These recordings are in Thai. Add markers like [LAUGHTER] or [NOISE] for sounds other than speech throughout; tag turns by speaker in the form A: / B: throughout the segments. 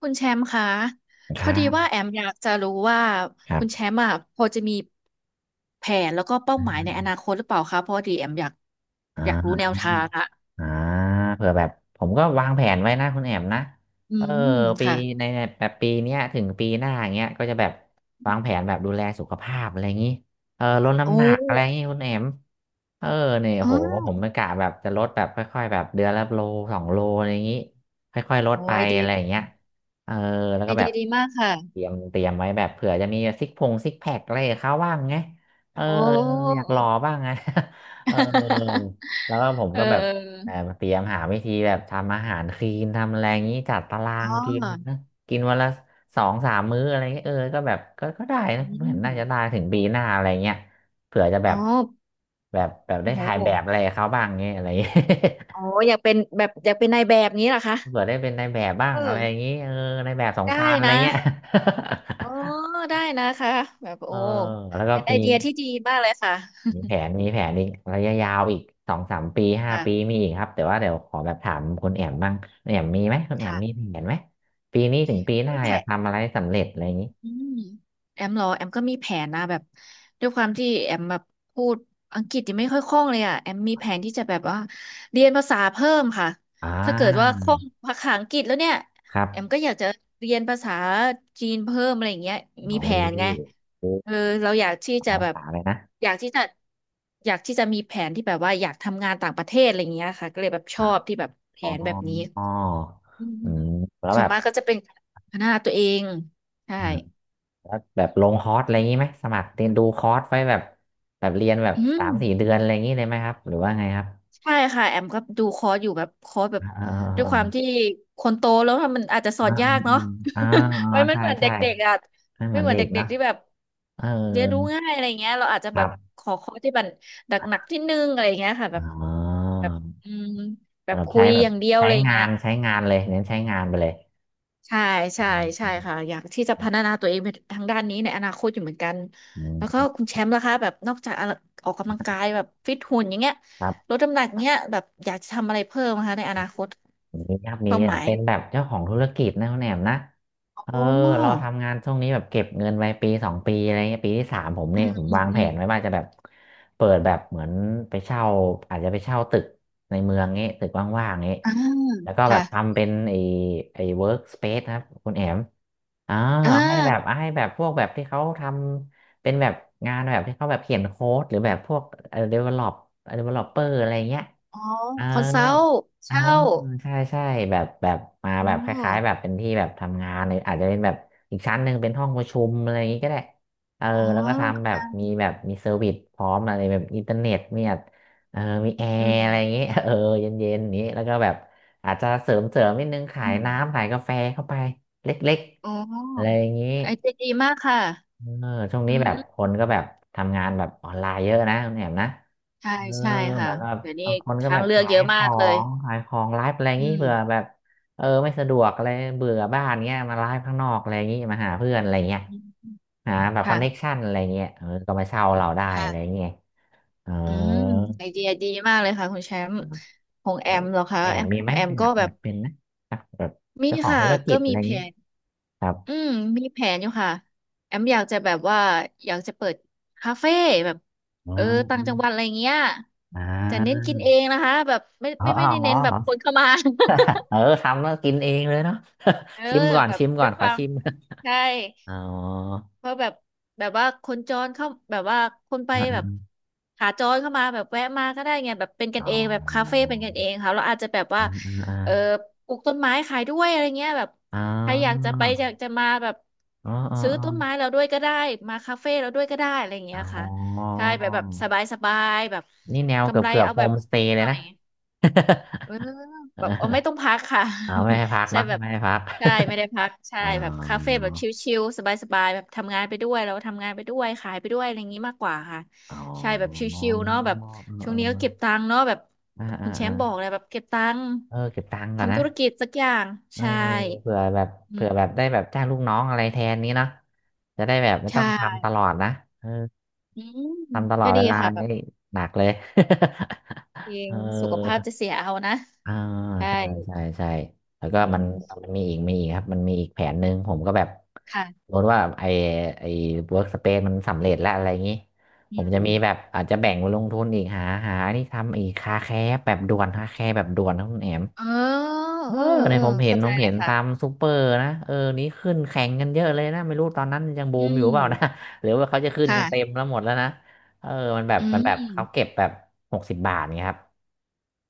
A: คุณแชมป์คะ
B: ค
A: พอ
B: รั
A: ดีว่า
B: บ
A: แอมอยากจะรู้ว่า
B: ครั
A: คุ
B: บ
A: ณแชมป์อ่ะพอจะมีแผนแล้วก็เป้าหมายในอนาคตหรือเปล่าคะเพอดีแอมอยาก
B: อ่า
A: อยากรู้แนวทางอะ
B: อ่าเผื่อแบบผมก็วางแผนไว้นะคุณแอมนะ
A: อื
B: เออ
A: ม
B: ปี
A: ค่ะ
B: ในแบบปีเนี้ยถึงปีหน้าอย่างเงี้ยก็จะแบบวางแผนแบบดูแลสุขภาพอะไรอย่างงี้เออลด
A: โอ
B: น้ำหนักอะไรอย่าง
A: ้
B: งี้คุณแอมเออเนี่ย
A: อ๋
B: โห
A: อ
B: ผมไม่กะแบบจะลดแบบค่อยๆแบบเดือนละโลสองโลอะไรอย่างงี้ค่อยๆลด
A: โอ้
B: ไป
A: ไอเดีย
B: อะไรอย่างเงี้ยเออแล้ว
A: ไอ
B: ก็แบ
A: เดีย
B: บ
A: ดีมาก
B: เต
A: ค่ะ
B: รียมเตรียมไว้แบบเผื่อจะมีซิกพงซิกแพคอะไรกับเขาบ้างไงเออ
A: โอ้
B: อยากหล่อบ้างไง [LAUGHS] เออ
A: [LAUGHS]
B: แล้วก็ผมก็แบบ
A: เออ
B: แบบเตรียมหาวิธีแบบทำอาหารคลีนทำอะไรอย่างนี้จัดตารา
A: อ๋
B: งกิน
A: อ
B: นะกินวันละ2-3 มื้ออะไรเงี้ยเออก็แบบก็ได้
A: อื
B: นะเหมือนน่าจะได้
A: ม
B: ถึงปีหน้าอะไรเงี้ยเผื่อจะแบ
A: อ๋อ
B: บแบบแบบได้ถ่ายแบ
A: โห
B: บอะไรกับเขาบ้างเงี้ยอะไรเงี้ย
A: โอ้
B: [LAUGHS]
A: อยากเป็นแบบอยากเป็นนายแบบนี้เหรอคะ
B: เผื่อได้เป็นนายแบบบ้า
A: เอ
B: งอะไร
A: อ
B: อย่างนี้เออนายแบบสง
A: ได้
B: กรานต์อะไร
A: นะ
B: เงี้ย
A: อ๋อ
B: [LAUGHS]
A: ได้นะคะแบบ
B: เอ
A: โอ้
B: อแล้วก็
A: เป็นไอ
B: มี
A: เดียที่ดีมากเลยค่ะ
B: มีแผนมีแผนอีกระยะยาวอีกสองสามปีห้า
A: ค่ะ
B: ปีมีอีกครับแต่ว่าเดี๋ยวขอแบบถามคุณแอมบ้างคุณแอมมีไหมคุณแอม
A: ค่ะ
B: มีแผนไหมปีนี้ถึงปีหน้า
A: มีแผ
B: อยาก
A: น
B: ทำอะไรสำเร็จอะไรอย่างนี้
A: อืมแอมเหรอแอมก็มีแผนนะแบบด้วยความที่แอมแบบพูดอังกฤษยังไม่ค่อยคล่องเลยอ่ะแอมมีแผนที่จะแบบว่าเรียนภาษาเพิ่มค่ะ
B: อ่
A: ถ้าเกิดว่า
B: า
A: คล่องภาษาอังกฤษแล้วเนี่ย
B: ครั
A: แอมก็
B: บ
A: อยากจะเรียนภาษาจีนเพิ่มอะไรอย่างเงี้ย
B: โอ
A: มีแผนไง
B: ้โห
A: เออเราอยากที่
B: ห
A: จะ
B: ลาย
A: แบ
B: ภา
A: บ
B: ษาเลยนะ
A: อยากที่จะอยากที่จะมีแผนที่แบบว่าอยากทำงานต่างประเทศอะไรอย่างเงี้ยค่ะก็เลยแบบชอบที่แบบแผ
B: อ๋อ
A: นแบบนี้
B: ออ
A: อืม
B: อืมแล้ว
A: ส่
B: แบ
A: วน
B: บ
A: มากก็จะเป็นพัฒนาตัวเองใช่
B: อ่าแล้วแบบลงคอร์สอะไรอย่างนี้ไหมสมัครเรียนดูคอร์สไว้แบบแบบเรียนแบบ
A: อื
B: สา
A: ม
B: มสี่เดือนอะไรอย่างนี้เลยไหมครับหรือว่าไงครับ
A: ใช่ค่ะแอมก็ดูคอร์สอยู่แบบคอร์สแบบ
B: อ่าอ่า
A: ด้วย
B: อ่า
A: ความที่คนโตแล้วมันอาจจะสอ
B: อ่า
A: นยากเนาะ
B: อ่าอ่า
A: [LAUGHS]
B: อ่า
A: มัน
B: ใช่
A: เหมือน
B: ใช่
A: เด็กๆอ่ะ
B: ไม่เห
A: ไม่
B: มือน
A: เหมือน
B: เด็กเน
A: เด็ก
B: อะ
A: ๆที่แบบ
B: เออ
A: เรียนรู้ง่ายอะไรเงี้ยเราอาจจะ
B: ค
A: แบ
B: รั
A: บ
B: บ
A: ขอคอร์สที่มันหนักๆที่นึงอะไรเงี้ยค่ะแบบ
B: อ๋อ
A: แบบอืมแบ
B: แบ
A: บ
B: บ
A: คุ
B: ใช้
A: ย
B: แบ
A: อ
B: บ
A: ย่างเดียว
B: ใช้
A: อะไร
B: งา
A: เงี้ย
B: นใช้งานเลยเน้นใช้งานไปเลย
A: ใช่
B: อื
A: ใช่ใช่
B: ม
A: ค่ะอยากที่จะพัฒนาตัวเองไปทางด้านนี้ในอนาคตอยู่เหมือนกัน
B: อื
A: แล้วก็
B: ม
A: คุณแชมป์ล่ะคะแบบนอกจากออกกำลังกายแบบฟิตหุ่นอย่างเงี้ย
B: ครั
A: ลด
B: บ
A: น้ำหนักเงี้ยแบบอยากจะทำอะไรเพิ่มนะคะในอนาคต
B: มีครับมี
A: เป้าห
B: อ่
A: มาย
B: เป็นแบบเจ้าของธุรกิจนะคุณแหนมนะ
A: อ
B: เออ
A: ๋
B: เรา
A: อ
B: ทำงานช่วงนี้แบบเก็บเงินไว้ปีสองปีอะไรเงี้ยปีที่สามผม
A: อื
B: เนี่ย
A: ม
B: ผม
A: อืม
B: วาง
A: อื
B: แผ
A: ม
B: นไว้ว่าจะแบบเปิดแบบเหมือนไปเช่าอาจจะไปเช่าตึกในเมืองงี้ตึกว่างๆงี้
A: อ่า
B: แล้วก็แบ
A: ค่ะ
B: บทำเป็นไอ้เวิร์กสเปซนะครับคุณแหนม อ่า
A: อ่
B: เอาให้แบบ
A: า
B: เอาให้แบบพวกแบบที่เขาทำเป็นแบบงานแบบที่เขาแบบเขียนโค้ดหรือแบบพวกเอ่อ develop developer อะไรเงี้ย
A: อ๋อ
B: เออ
A: คอนซัลท์
B: อ่า
A: เช่า
B: ใช่ใช่แบบแบบมา
A: อ๋
B: แบ
A: อ
B: บคล้ายๆแบบเป็นที่แบบทำงานเลยอาจจะเป็นแบบอีกชั้นหนึ่งเป็นห้องประชุมอะไรอย่างงี้ก็ได้เออ
A: อ๋อ
B: แล้วก็ทำแบบ
A: ค่ะ
B: มีแบบมีเซอร์วิสพร้อมอะไรแบบอินเทอร์เน็ตเนี่ยเออมีแอ
A: อื
B: ร์อะไร
A: ม
B: อย่างงี้ [LAUGHS] เออเย็นๆอย่างนี้แล้วก็แบบอาจจะเสริมเสริมนิดนึงขา
A: อ
B: ย
A: ม
B: น้ำขายกาแฟเข้าไปเล็ก
A: อ๋อ
B: ๆอะไรอย่างงี้
A: ไอเดียดีมากค่ะ
B: เออช่วง
A: อื
B: นี้แบบค
A: ม
B: นก็แบบทำงานแบบออนไลน์เยอะนะคุณแอมนะ
A: ใช่
B: เออ
A: ใช่
B: เห
A: ค่ะ
B: มือนแบบ
A: เดี๋ยวนี้
B: บางคนก็
A: ทา
B: แบ
A: ง
B: บ
A: เลือก
B: ขา
A: เย
B: ย
A: อะ
B: ข
A: มา
B: อ
A: กเลย
B: งขายของไลฟ์อะไร
A: อื
B: งี้
A: ม
B: เผื่อแบบเออไม่สะดวกอะไรเบื่อบ้านเงี้ยมาไลฟ์ข้างนอกอะไรงี้มาหาเพื่อนอะไรเงี้ย
A: อืม
B: หาแบบคอนเน็ก
A: ค่ะ
B: ชันอะไรเงี้ยเออก็มาเช่าเราได้อะไร
A: ค่ะ
B: เงี้ยเออ
A: อืมไอเดียดีมากเลยค่ะคุณแชมป์ของแอ
B: แบบ
A: มเหรอคะ
B: แอ
A: แอ
B: ม
A: ม
B: มี
A: ขอ
B: ไห
A: ง
B: ม
A: แอม
B: อยา
A: ก็
B: ก
A: แบ
B: แบ
A: บ
B: บเป็นนะแบบ
A: มี
B: เจ้าของ
A: ค่ะ
B: ธุรกิ
A: ก็
B: จอะ
A: มี
B: ไร
A: แผ
B: งี้
A: น
B: ครับ
A: อืมมีแผนอยู่ค่ะแอมอยากจะแบบว่าอยากจะเปิดคาเฟ่แบบเอ
B: อ่า
A: อต่างจังหวัดอะไรเงี้ย
B: อ่
A: แต่เน้น
B: า
A: กินเองนะคะแบบไม่
B: อ๋อ
A: ไม่
B: อ๋อ
A: ไม่ได้
B: อ๋
A: เน้นแบบ
B: อ
A: คนเข้ามา
B: เออทำแล้วกินเองเลยเนาะ
A: [LAUGHS] เออ
B: [LAUGHS] ชิมก่อน
A: แบบ
B: ชิมก่
A: ด้
B: อ
A: ว
B: น
A: ยค
B: ขอ
A: วาม
B: ชิม
A: ใช่
B: อ๋อ
A: เพราะแบบแบบว่าคนจรเข้าแบบว่าคนไปแบบ
B: [LAUGHS]
A: ขาจรเข้ามาแบบแวะมาก็ได้ไงแบบเป็นกัน
B: อ๋อ
A: เองแบบคาเฟ่เป็นกันเองค่ะเราอาจจะแบบว่า
B: อ่าอ่า
A: เออปลูกต้นไม้ขายด้วยอะไรเงี้ยแบบ
B: อ่
A: ใครอยากจะ
B: า
A: ไปอยากจะมาแบบ
B: อ๋ออ๋อ
A: ซื้อ
B: อ๋อ
A: ต้นไม้เราด้วยก็ได้มาคาเฟ่เราด้วยก็ได้อะไร
B: อ๋
A: เงี้ยค่ะ
B: ออ๋
A: ใช่
B: อ
A: แบบแบบสบายสบายแบบ
B: นี่แนวเกื
A: กำ
B: อบ
A: ไร
B: เกือบ
A: เอา
B: โฮ
A: แบบ
B: มสเตย์เล
A: หน่
B: ย
A: อ
B: นะ
A: ย
B: [LAUGHS]
A: เออ
B: เ
A: แบบเออไม่ต้อง
B: ออ
A: พักค่ะ
B: เอาไม่ให้พัก
A: [LAUGHS] ใช่
B: เนาะ
A: แบบ
B: ไม่ให้พัก
A: ใช่ไม่ได้พักใช่
B: อ๋
A: แบบคาเฟ่
B: อ
A: แบบชิลๆสบายๆแบบทำงานไปด้วยแล้วทำงานไปด้วยขายไปด้วยอะไรอย่างนี้มากกว่าค่ะ
B: อ๋อ
A: ใช่แบบชิลๆเนาะแบบช่วงนี้ก็เก็บตังค์เนาะแบบ
B: เออเออ
A: คุณแช
B: อ่าอ่าอ่า
A: มป์บอกเลยแบบเก็บตังค์
B: เออเก็บตังค์ก่อน
A: ทำ
B: นะ
A: ธุรกิจสักอย่าง
B: เออ
A: ใช่
B: เผื่อแบบ
A: อื
B: เผื่อแบบ
A: ม
B: ได้แบบจ้างลูกน้องอะไรแทนนี้เนาะจะได้แบบไม่ต้อ
A: ใช่
B: งทำตลอดนะเออ
A: อืม
B: ทำตลอ
A: ก็
B: ดเว
A: ดี
B: ลา
A: ค่ะแบ
B: นี่
A: บ
B: หนักเลย
A: เอ
B: [LAUGHS] เอ
A: ง
B: อ
A: สุขภาพจะเสียเอานะ
B: อ่า
A: ใช่
B: ใช่ใช่ใช่แล้ว
A: อื
B: ก็มัน
A: ม
B: มันมีอีกมีอีกครับมันมีอีกแผนหนึ่งผมก็แบบส
A: ค่ะ
B: มมติว่าไอไอเวิร์กสเปซมันสำเร็จแล้วอะไรอย่างนี้
A: อื
B: ผมจะมี
A: ม
B: แบบอาจจะแบ่งไปลงทุนอีกหาหานี่ทำอีกคาแคร์แบบด่วนคาแคร์แบบด่วนนะคุณแอม
A: เออ
B: เอ
A: เออ
B: อเนี่
A: เอ
B: ย
A: อ
B: ผมเห็น
A: เข้า
B: ผ
A: ใจ
B: ม
A: เล
B: เห็
A: ย
B: นตาม
A: ค่ะ
B: ซูเปอร์นะเออนี้ขึ้นแข่งกันเยอะเลยนะไม่รู้ตอนนั้นยังบู
A: อื
B: มอยู่
A: ม
B: เปล่านะ [LAUGHS] หรือว่าเขาจะขึ้นกันเต็ม
A: ค่ะ
B: แล้วหมดแล้วนะเออมันแบบ
A: อื
B: มันแบบเขาเก็
A: ม
B: บแบบ60 บาทเนี่ยครับ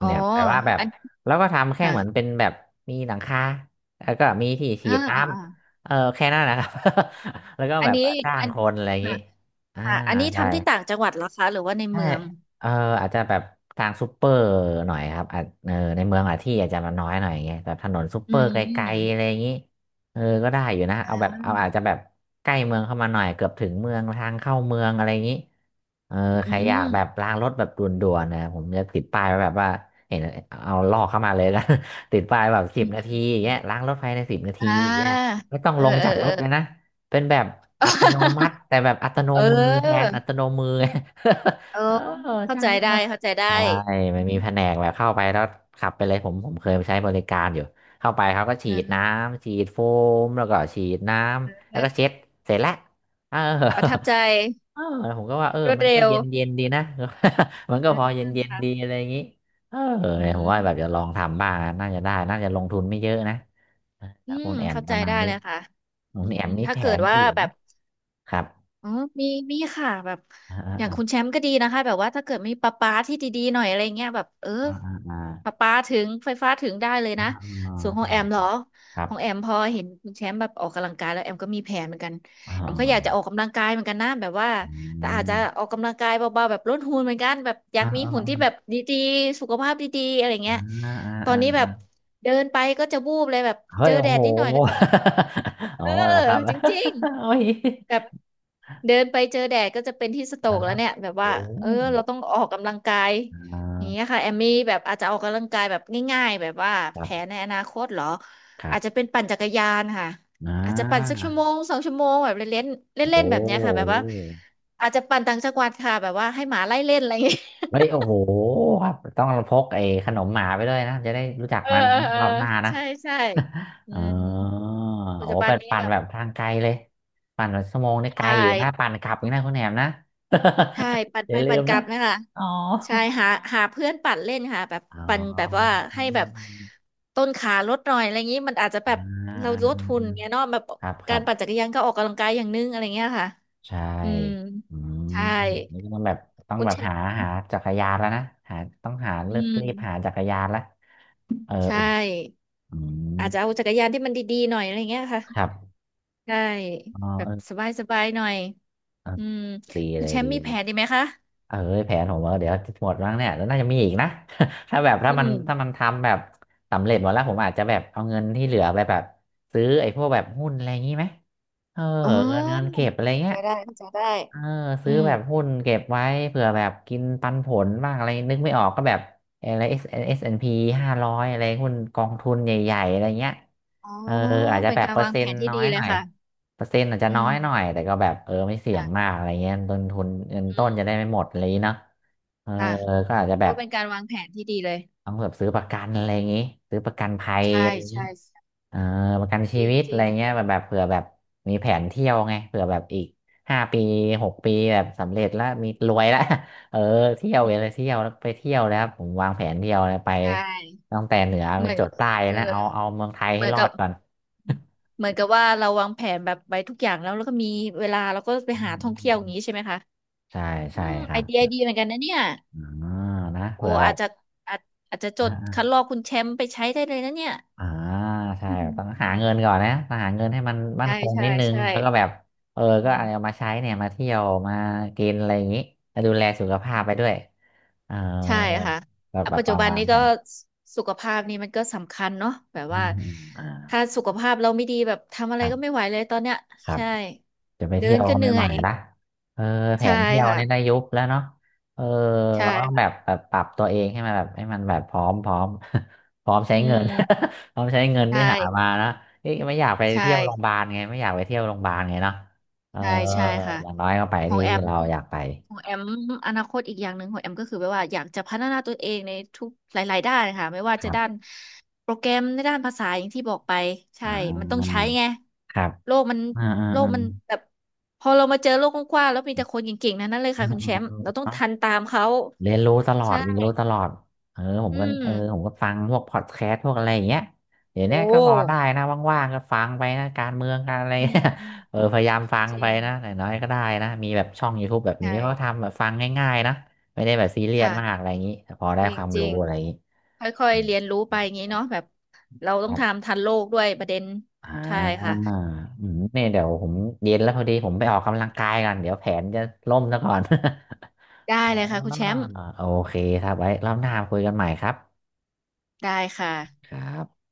A: อ๋อ
B: เนี่ยแต่ว่าแบบ
A: อัน
B: แล้วก็ทำแค่
A: ค่ะ
B: เหมือนเป็นแบบมีหลังคาแล้วก็มีที่ฉี
A: อ่า
B: ดน้
A: อ่าอ่า
B: ำเออแค่นั้นนะครับ [LAUGHS] แล้วก็
A: อั
B: แบ
A: น
B: บ
A: นี้
B: จ้าง
A: อัน
B: คนอะไรอย่าง
A: ค่ะ
B: นี้อ่า
A: ค่ะอันนี้
B: ใช่
A: ทำที่ต่างจังหวัดเหรอคะหรือว่าใน
B: ใช่
A: เมือง
B: เอออาจจะแบบทางซูเปอร์หน่อยครับอาจเออในเมืองอะที่อาจจะมันน้อยหน่อยอย่างเงี้ยแบบถนนซูเป
A: อื
B: อร์ไกลๆอะ
A: ม
B: ไรอย่างงี้เออก็ได้อยู่นะ
A: อ่
B: เอาแบบเอาอาจจะ
A: า
B: แบบใกล้เมืองเข้ามาหน่อย เกือบถึงเมืองทางเข้าเมืองอะไรอย่างงี้เออ
A: อื
B: ใครอยาก
A: ม
B: แบบล้างรถแบบด่วนๆนะผมจะติดป้ายไว้แบบว่าเห็นเอาลอกเข้ามาเลยนะ [LAUGHS] ติดป้ายแบบสิ
A: อื
B: บ
A: ม
B: นาทีอย่า
A: อ
B: งเงี้ย
A: ม
B: ล้างรถภายในสิบนาที
A: อ่า
B: อย่างเงี้ยไม่ต้อง
A: เอ
B: ล
A: อ
B: ง
A: เออ
B: จากร
A: เออ
B: ถเลยนะเป็นแบบอัตโนมัติ
A: [LAUGHS]
B: แต่แบบอัตโน
A: เ
B: มือแทน
A: ออ
B: อัตโนมือ
A: เออ
B: [LAUGHS] เออ
A: เข้า
B: จ้าง
A: ใจ
B: ลูก
A: ได้
B: น้อง
A: เข้าใจได้
B: ใช่มั
A: อื
B: นมี
A: ม
B: แผนกแบบเข้าไปแล้วขับไปเลยผมเคยไปใช้บริการอยู่เข้าไปเขาก็ฉี
A: อื
B: ดน้
A: ม
B: ำฉีดโฟมแล้วก็ฉีดน้ำแล้วก็เช็ดเสร็จแล้วเออ
A: ประทับใจ
B: เออแล้วผมก็ว่าเออ
A: รวด
B: มัน
A: เร็
B: ก็
A: ว
B: เย็นเย็นดีนะ [LAUGHS] มันก็
A: อ่า
B: พอเย็นเย็นดี
A: ค่ะ
B: อะไรอย่างนี้เออ
A: อื
B: เนี่ยผมว่าแบบจะ
A: ม
B: ลองทำบ้างน่าจะได้น่าจะลงทุนไม่เยอะนะค
A: อื
B: รับ
A: ม
B: คุณแอม
A: เข้า
B: ป
A: ใจ
B: ระมาณ
A: ได้
B: นี้
A: เลยค่ะ
B: คุ
A: อื
B: ณ
A: ม
B: แอมมี
A: ถ้า
B: แผ
A: เกิด
B: น
A: ว่า
B: อื่น
A: แบ
B: ไหม
A: บ
B: ครับ
A: อ๋อมีมีค่ะแบบ
B: อ่าอ่า
A: อย่าง
B: อ่า
A: คุณแชมป์ก็ดีนะคะ แบบว่าถ้าเกิดมีประปาที่ดีๆหน่อยอะไรเงี้ยแบบเออ
B: อ่าอ่า
A: ประปาถึงไฟฟ้าถึงได้เลย
B: อ่า
A: นะ
B: อ่า
A: ส่วนขอ
B: ใช่
A: งแอม
B: ค
A: เหรอ
B: รับครั
A: ข
B: บ
A: องแอมพอเห็นคุณแชมป์แบบออกกำลังกายแล้วแอมก็มีแผนเหมือนกัน
B: อ
A: แอมก็อยากจะ
B: อ
A: ออกกำลังกายเหมือนกันนะแบบว่าแต่อาจจะออกกำลังกายเบาๆแบบลดหุ่นเหมือนกันแบบอยา
B: อ่า
A: กมี
B: อ่า
A: หุ่นที่แบบ
B: อ่
A: ดีๆสุขภาพดีๆอะไร
B: า
A: เงี้ย
B: อ่าอ่
A: ตอน
B: า
A: นี้แบ
B: อ่า
A: บเดินไปก็จะวูบเลยแบบ
B: เฮ้
A: เจ
B: ย
A: อ
B: โอ้
A: แด
B: โห
A: ดนิดหน่อยก็จะเป็น
B: [LAUGHS]
A: เอ
B: อ๋อ
A: อ
B: เหรอครับ
A: จริง
B: [LAUGHS] โอ้ย
A: แบบเดินไปเจอแดดก็จะเป็นที่สโตรกแล้
B: นะ
A: วเนี่ยแบบ
B: โอ้
A: ว่าเออเราต้องออกกำลังกาย
B: อ่
A: อย่างเงี้ย
B: า
A: ค่ะแอมมี่แบบอาจจะออกกำลังกายแบบง่ายๆแบบว่า
B: ครั
A: แผน
B: บ
A: ในอนาคตเหรอ
B: ครั
A: อาจจะ
B: บ
A: เป็นปั่นจักรยานค่ะ
B: น
A: อาจจะปั่นสัก
B: ะ
A: 1 ชั่วโมง 2 ชั่วโมงแบบเล่นๆ
B: โอ้โห
A: เล่นๆแบบเนี้ยค่ะแบบว่าอาจจะปั่นต่างจังหวัดค่ะแบบว่าให้หมาไล่เล่นอะไรอย่างเงี้ย
B: เฮ้ยโอ้โหครับต้องพกไอ้ขนมหมาไปด้วยนะจะได้รู้จัก
A: เออ
B: มัน
A: เออเอ
B: ร
A: อ
B: อบหน้านะ
A: ใช่ใช่
B: [LAUGHS]
A: อื
B: อ๋อ
A: มปัจ
B: โอ้
A: จุบัน
B: เป็น
A: นี้
B: ปั่น
A: แบบ
B: แบบทางไกลเลยปั่นแบบชั่วโมงนี่ไกล
A: ใช่
B: อยู่นะปั่นกลับอีกนะคุณแหนมนะ
A: ใช่ปั่น
B: [LAUGHS] อ
A: ไป
B: ย่าลื
A: ปั่น
B: ม
A: กลั
B: นะ
A: บนั่นแหละ
B: อ๋อ
A: ใช่หาหาเพื่อนปั่นเล่นค่ะแบบ
B: อ๋อ
A: ปั่นแบบว่าให้
B: อ
A: แบบต้นขาลดหน่อยอะไรอย่างนี้มันอาจจะแบบ
B: ่า
A: เรา
B: อ่าอ่า
A: ลดหุ่นเงี้ยเนาะแบบ
B: อ่าครับค
A: กา
B: รั
A: ร
B: บ
A: ปั่นจักรยานก็ออกกำลังกายอย่างนึงอะไรเงี้ยค่ะ
B: ใช่
A: อืม
B: อืม
A: ใช่
B: นี่ก็ต้องแบบต้อง
A: คุณ
B: แบบ
A: แชม
B: หา
A: ป์
B: หาจักรยานแล้วนะหาต้องหา
A: อื
B: เลือกรีบหา
A: ม
B: จักรยานละ [LAUGHS] เออ
A: ใช
B: อุ่น
A: ่
B: อืม
A: อาจจะเอาจักรยานที่มันดีๆหน่อยอะไรเงี้ยค่ะ
B: ครับ
A: ใช่
B: อ๋อ
A: แบ
B: เอ
A: บ
B: อ
A: สบายๆหน่อย
B: เออ
A: อืม
B: ดี
A: คุ
B: เล
A: ณแช
B: ย
A: ม
B: ดี
A: ป์มี
B: เล
A: แผ
B: ย
A: นดีไหมคะ
B: เออแผนผมว่าเดี๋ยวหมดแล้วเนี่ยแล้วน่าจะมีอีกนะ [LAUGHS] ถ้าแบบถ้า
A: อื
B: มันถ้ามัน
A: ม
B: ทำแบบสำเร็จหมดแล้วผมอาจจะแบบเอาเงินที่เหลือไปแบบซื้อไอ้พวกแบบหุ้นอะไรอย่างงี้ไหมเออ
A: อ๋อ
B: เงินเก็บอะไรเงี้ย
A: เข้าใจได้เข้าใจได้
B: เออ
A: อื
B: ซื้อ
A: ม
B: แบบหุ้นเก็บไว้เผื่อแบบกินปันผลบ้างอะไรนึกไม่ออกก็แบบอะไร SSNP 500อะไรหุ้นกองทุนใหญ่ๆอะไรเงี้ย
A: อ๋อ
B: เอออาจจะ
A: เป็น
B: แบบ
A: การ
B: เปอร์
A: วาง
B: เซ็
A: แผ
B: น
A: น
B: ต์
A: ที่
B: น้อ
A: ดี
B: ย
A: เล
B: ห
A: ย
B: น่อย
A: ค่ะ
B: เปอร์เซ็นต์อาจจะ
A: อื
B: น้อ
A: ม
B: ยหน่อยแต่ก็แบบเออไม่เสี่ยงมา
A: ค่ะ
B: กอะไรเงี้ยต้นทุนเงิน
A: อื
B: ต้น
A: ม
B: จะได้ไม่หมดอะไรอย่างงี้เนาะเออ
A: ค่ะ
B: ก็อาจจะแบ
A: ก็
B: บ
A: เป็นการวางแผนที่ดีเลย
B: ต้องแบบซื้อประกันอะไรอย่างงี้ซื้อประกันภัยอะ
A: ใช่
B: ไรอย่างงี้
A: ใช่ใช่
B: เออประกัน
A: จ
B: ชี
A: ริง
B: วิต
A: จ
B: อะ
A: ริ
B: ไร
A: งจ
B: เงี้ย
A: ริง
B: แบบแบบเผื่อแบบมีแผนเที่ยวไงเผื่อแบบอีก5 ปี6 ปีแบบสำเร็จแล้วมีรวยแล้ว [LAUGHS] เออเที่ยวเลยเที่ยวแล้วไปเที่ยวแล้วผมวางแผนเที่ยวเลยไป
A: ใช่
B: ตั้งแต่เหนือไป
A: เหมือน
B: จรดใต้
A: เออ
B: นะเอาเมืองไทย
A: เห
B: ให้
A: มือน
B: รอ
A: กับ
B: ดก่อน
A: เหมือนกับว่าเราวางแผนแบบไว้ทุกอย่างแล้วแล้วก็มีเวลาเราก็
B: [LAUGHS]
A: ไป
B: อื
A: หา
B: ม
A: ท่อง
B: อื
A: เที่
B: ม
A: ยวอ
B: อื
A: ย่าง
B: ม
A: นี้ใช่ไหมคะ
B: ใช่
A: อื
B: ใช่
A: ม
B: ค
A: ไอ
B: รับ
A: เดียดีเหมือนกันนะเนี่ย
B: อ่านะ
A: โอ้
B: เผื่อแบ
A: อาจ
B: บ
A: จะอาจอาจจะจดคัด
B: อ่า
A: ลอกคุณแชมป์ไปใช้ได้เลยนะเนี่ย
B: อ่าใช่ต้องหาเงินก่อนนะต้องหาเงินให้มัน
A: [LAUGHS]
B: มั่
A: ใช่
B: นคง
A: ใช่
B: นิดนึง
A: ใช่
B: แล้วก็แบบเออ
A: อื
B: ก็
A: ม
B: เอามาใช้เนี่ยมาเที่ยวมากินอะไรอย่างนี้แล้วดูแลสุขภาพไปด้วยเออ
A: ใช่ค่ะ
B: แบบ
A: อ่ะ
B: แบบ
A: ปัจจุ
B: วาง
A: บัน
B: วาง
A: นี้
B: แผ
A: ก็
B: น
A: สุขภาพนี่มันก็สำคัญเนาะแบบว่า
B: อ่าอ่า
A: ถ้าสุขภาพเราไม่ดีแบบทำอะ
B: ค
A: ไร
B: รั
A: ก็
B: บ
A: ไม่ไหวเลยตอนเนี้ย
B: ครับ
A: ใช่
B: จะไป
A: เดิ
B: เที่ย
A: น
B: ว
A: ก็
B: ก็
A: เห
B: ไม่
A: นื่อ
B: ไหว
A: ย
B: ละเออแผ
A: ใช่
B: นเที่ยวเนี่ยได้
A: ค่ะ
B: ยุบแล้วเนาะเออ
A: ใช่
B: เราต้อง
A: ค่ะ
B: แบบแบบปรับตัวเองให้มันแบบให้มันแบบพร้อมพร้อม [LAUGHS] พร้อมใช้
A: อื
B: เงิน
A: ม
B: [LAUGHS] พร้อมใช้เงิน
A: ใช
B: ที่หามา
A: ่
B: นะนี่ไม่อยากไป
A: ใช
B: เที่ยวโรงพยา
A: ่
B: บาลไงไม่อยากไปเที่ยวโรงพยาบาลไงเนาะเออ
A: ใช่ ใช่ค่ะ
B: อย่างน้อยก็ไป
A: ของ
B: ที่
A: แอม
B: เราอยากไป
A: ของแอมอนาคตอีกอย่างหนึ่งของแอมก็คือแบบว่าอยากจะพัฒนาตัวเองในทุกหลายๆด้านค่ะไม่ว่า
B: ค
A: จะ
B: รั
A: ด้าน
B: บ
A: โปรแกรมในด้านภาษาอย่างที่บอกไปใช่
B: อ่
A: มันต้องใช้
B: า
A: ไง
B: ครับ
A: โลกมัน
B: อ่าอ่า
A: โลกมัน
B: อ
A: แบบพอเรามาเจอโลกกว้างๆแล้วมีแต่คนเก่งๆนั้นนั่นเลยค่ะคุณแชมป์เราต้อง
B: ่า
A: ทันตามเขา
B: เรียนรู้ตลอด
A: ใช่
B: เรียนรู้ตลอดเออผม
A: อื
B: ก็
A: ม
B: เออผมก็ฟังพวกพอดแคสต์พวกอะไรอย่างเงี้ยเดี๋ยว
A: โอ้
B: เนี้ยก็พอได้นะว่างๆก็ฟังไปนะการเมืองการอะไร [LAUGHS]
A: อืม
B: เนี่ย
A: อืม
B: เออพยายามฟัง
A: จ
B: ไป
A: ริง
B: นะหน้อยก็ได้นะมีแบบช่อง YouTube แบบนี้ก็
A: ใช่
B: ทำแบบฟังง่ายๆนะไม่ได้แบบซีเรียสมาก
A: ค่ะ
B: อะไรอย่างนี้แต่พอได้
A: จริ
B: ค
A: ง
B: วาม
A: จริ
B: รู้
A: ง
B: อะไรอย่างนี้
A: ค่อย
B: อื
A: ๆ
B: ม
A: เรียนรู้ไปอย่างนี้เนาะแบบเรา
B: ค
A: ต้อง
B: รับ
A: ทำทันโลกด้วยประเด็น
B: อ่
A: ใช่
B: า
A: ค่ะ
B: อืมเนี่ยเดี๋ยวผมเย็นแล้วพอดีผมไปออกกำลังกายกันเดี๋ยวแผนจะล่มซะก่อน
A: ได้
B: [LAUGHS] อ๋อ
A: เลยค่ะคุณแชมป์
B: โอเคครับไว้รอบหน้าคุยกันใหม่ครับ
A: ได้ค่ะ
B: ครับ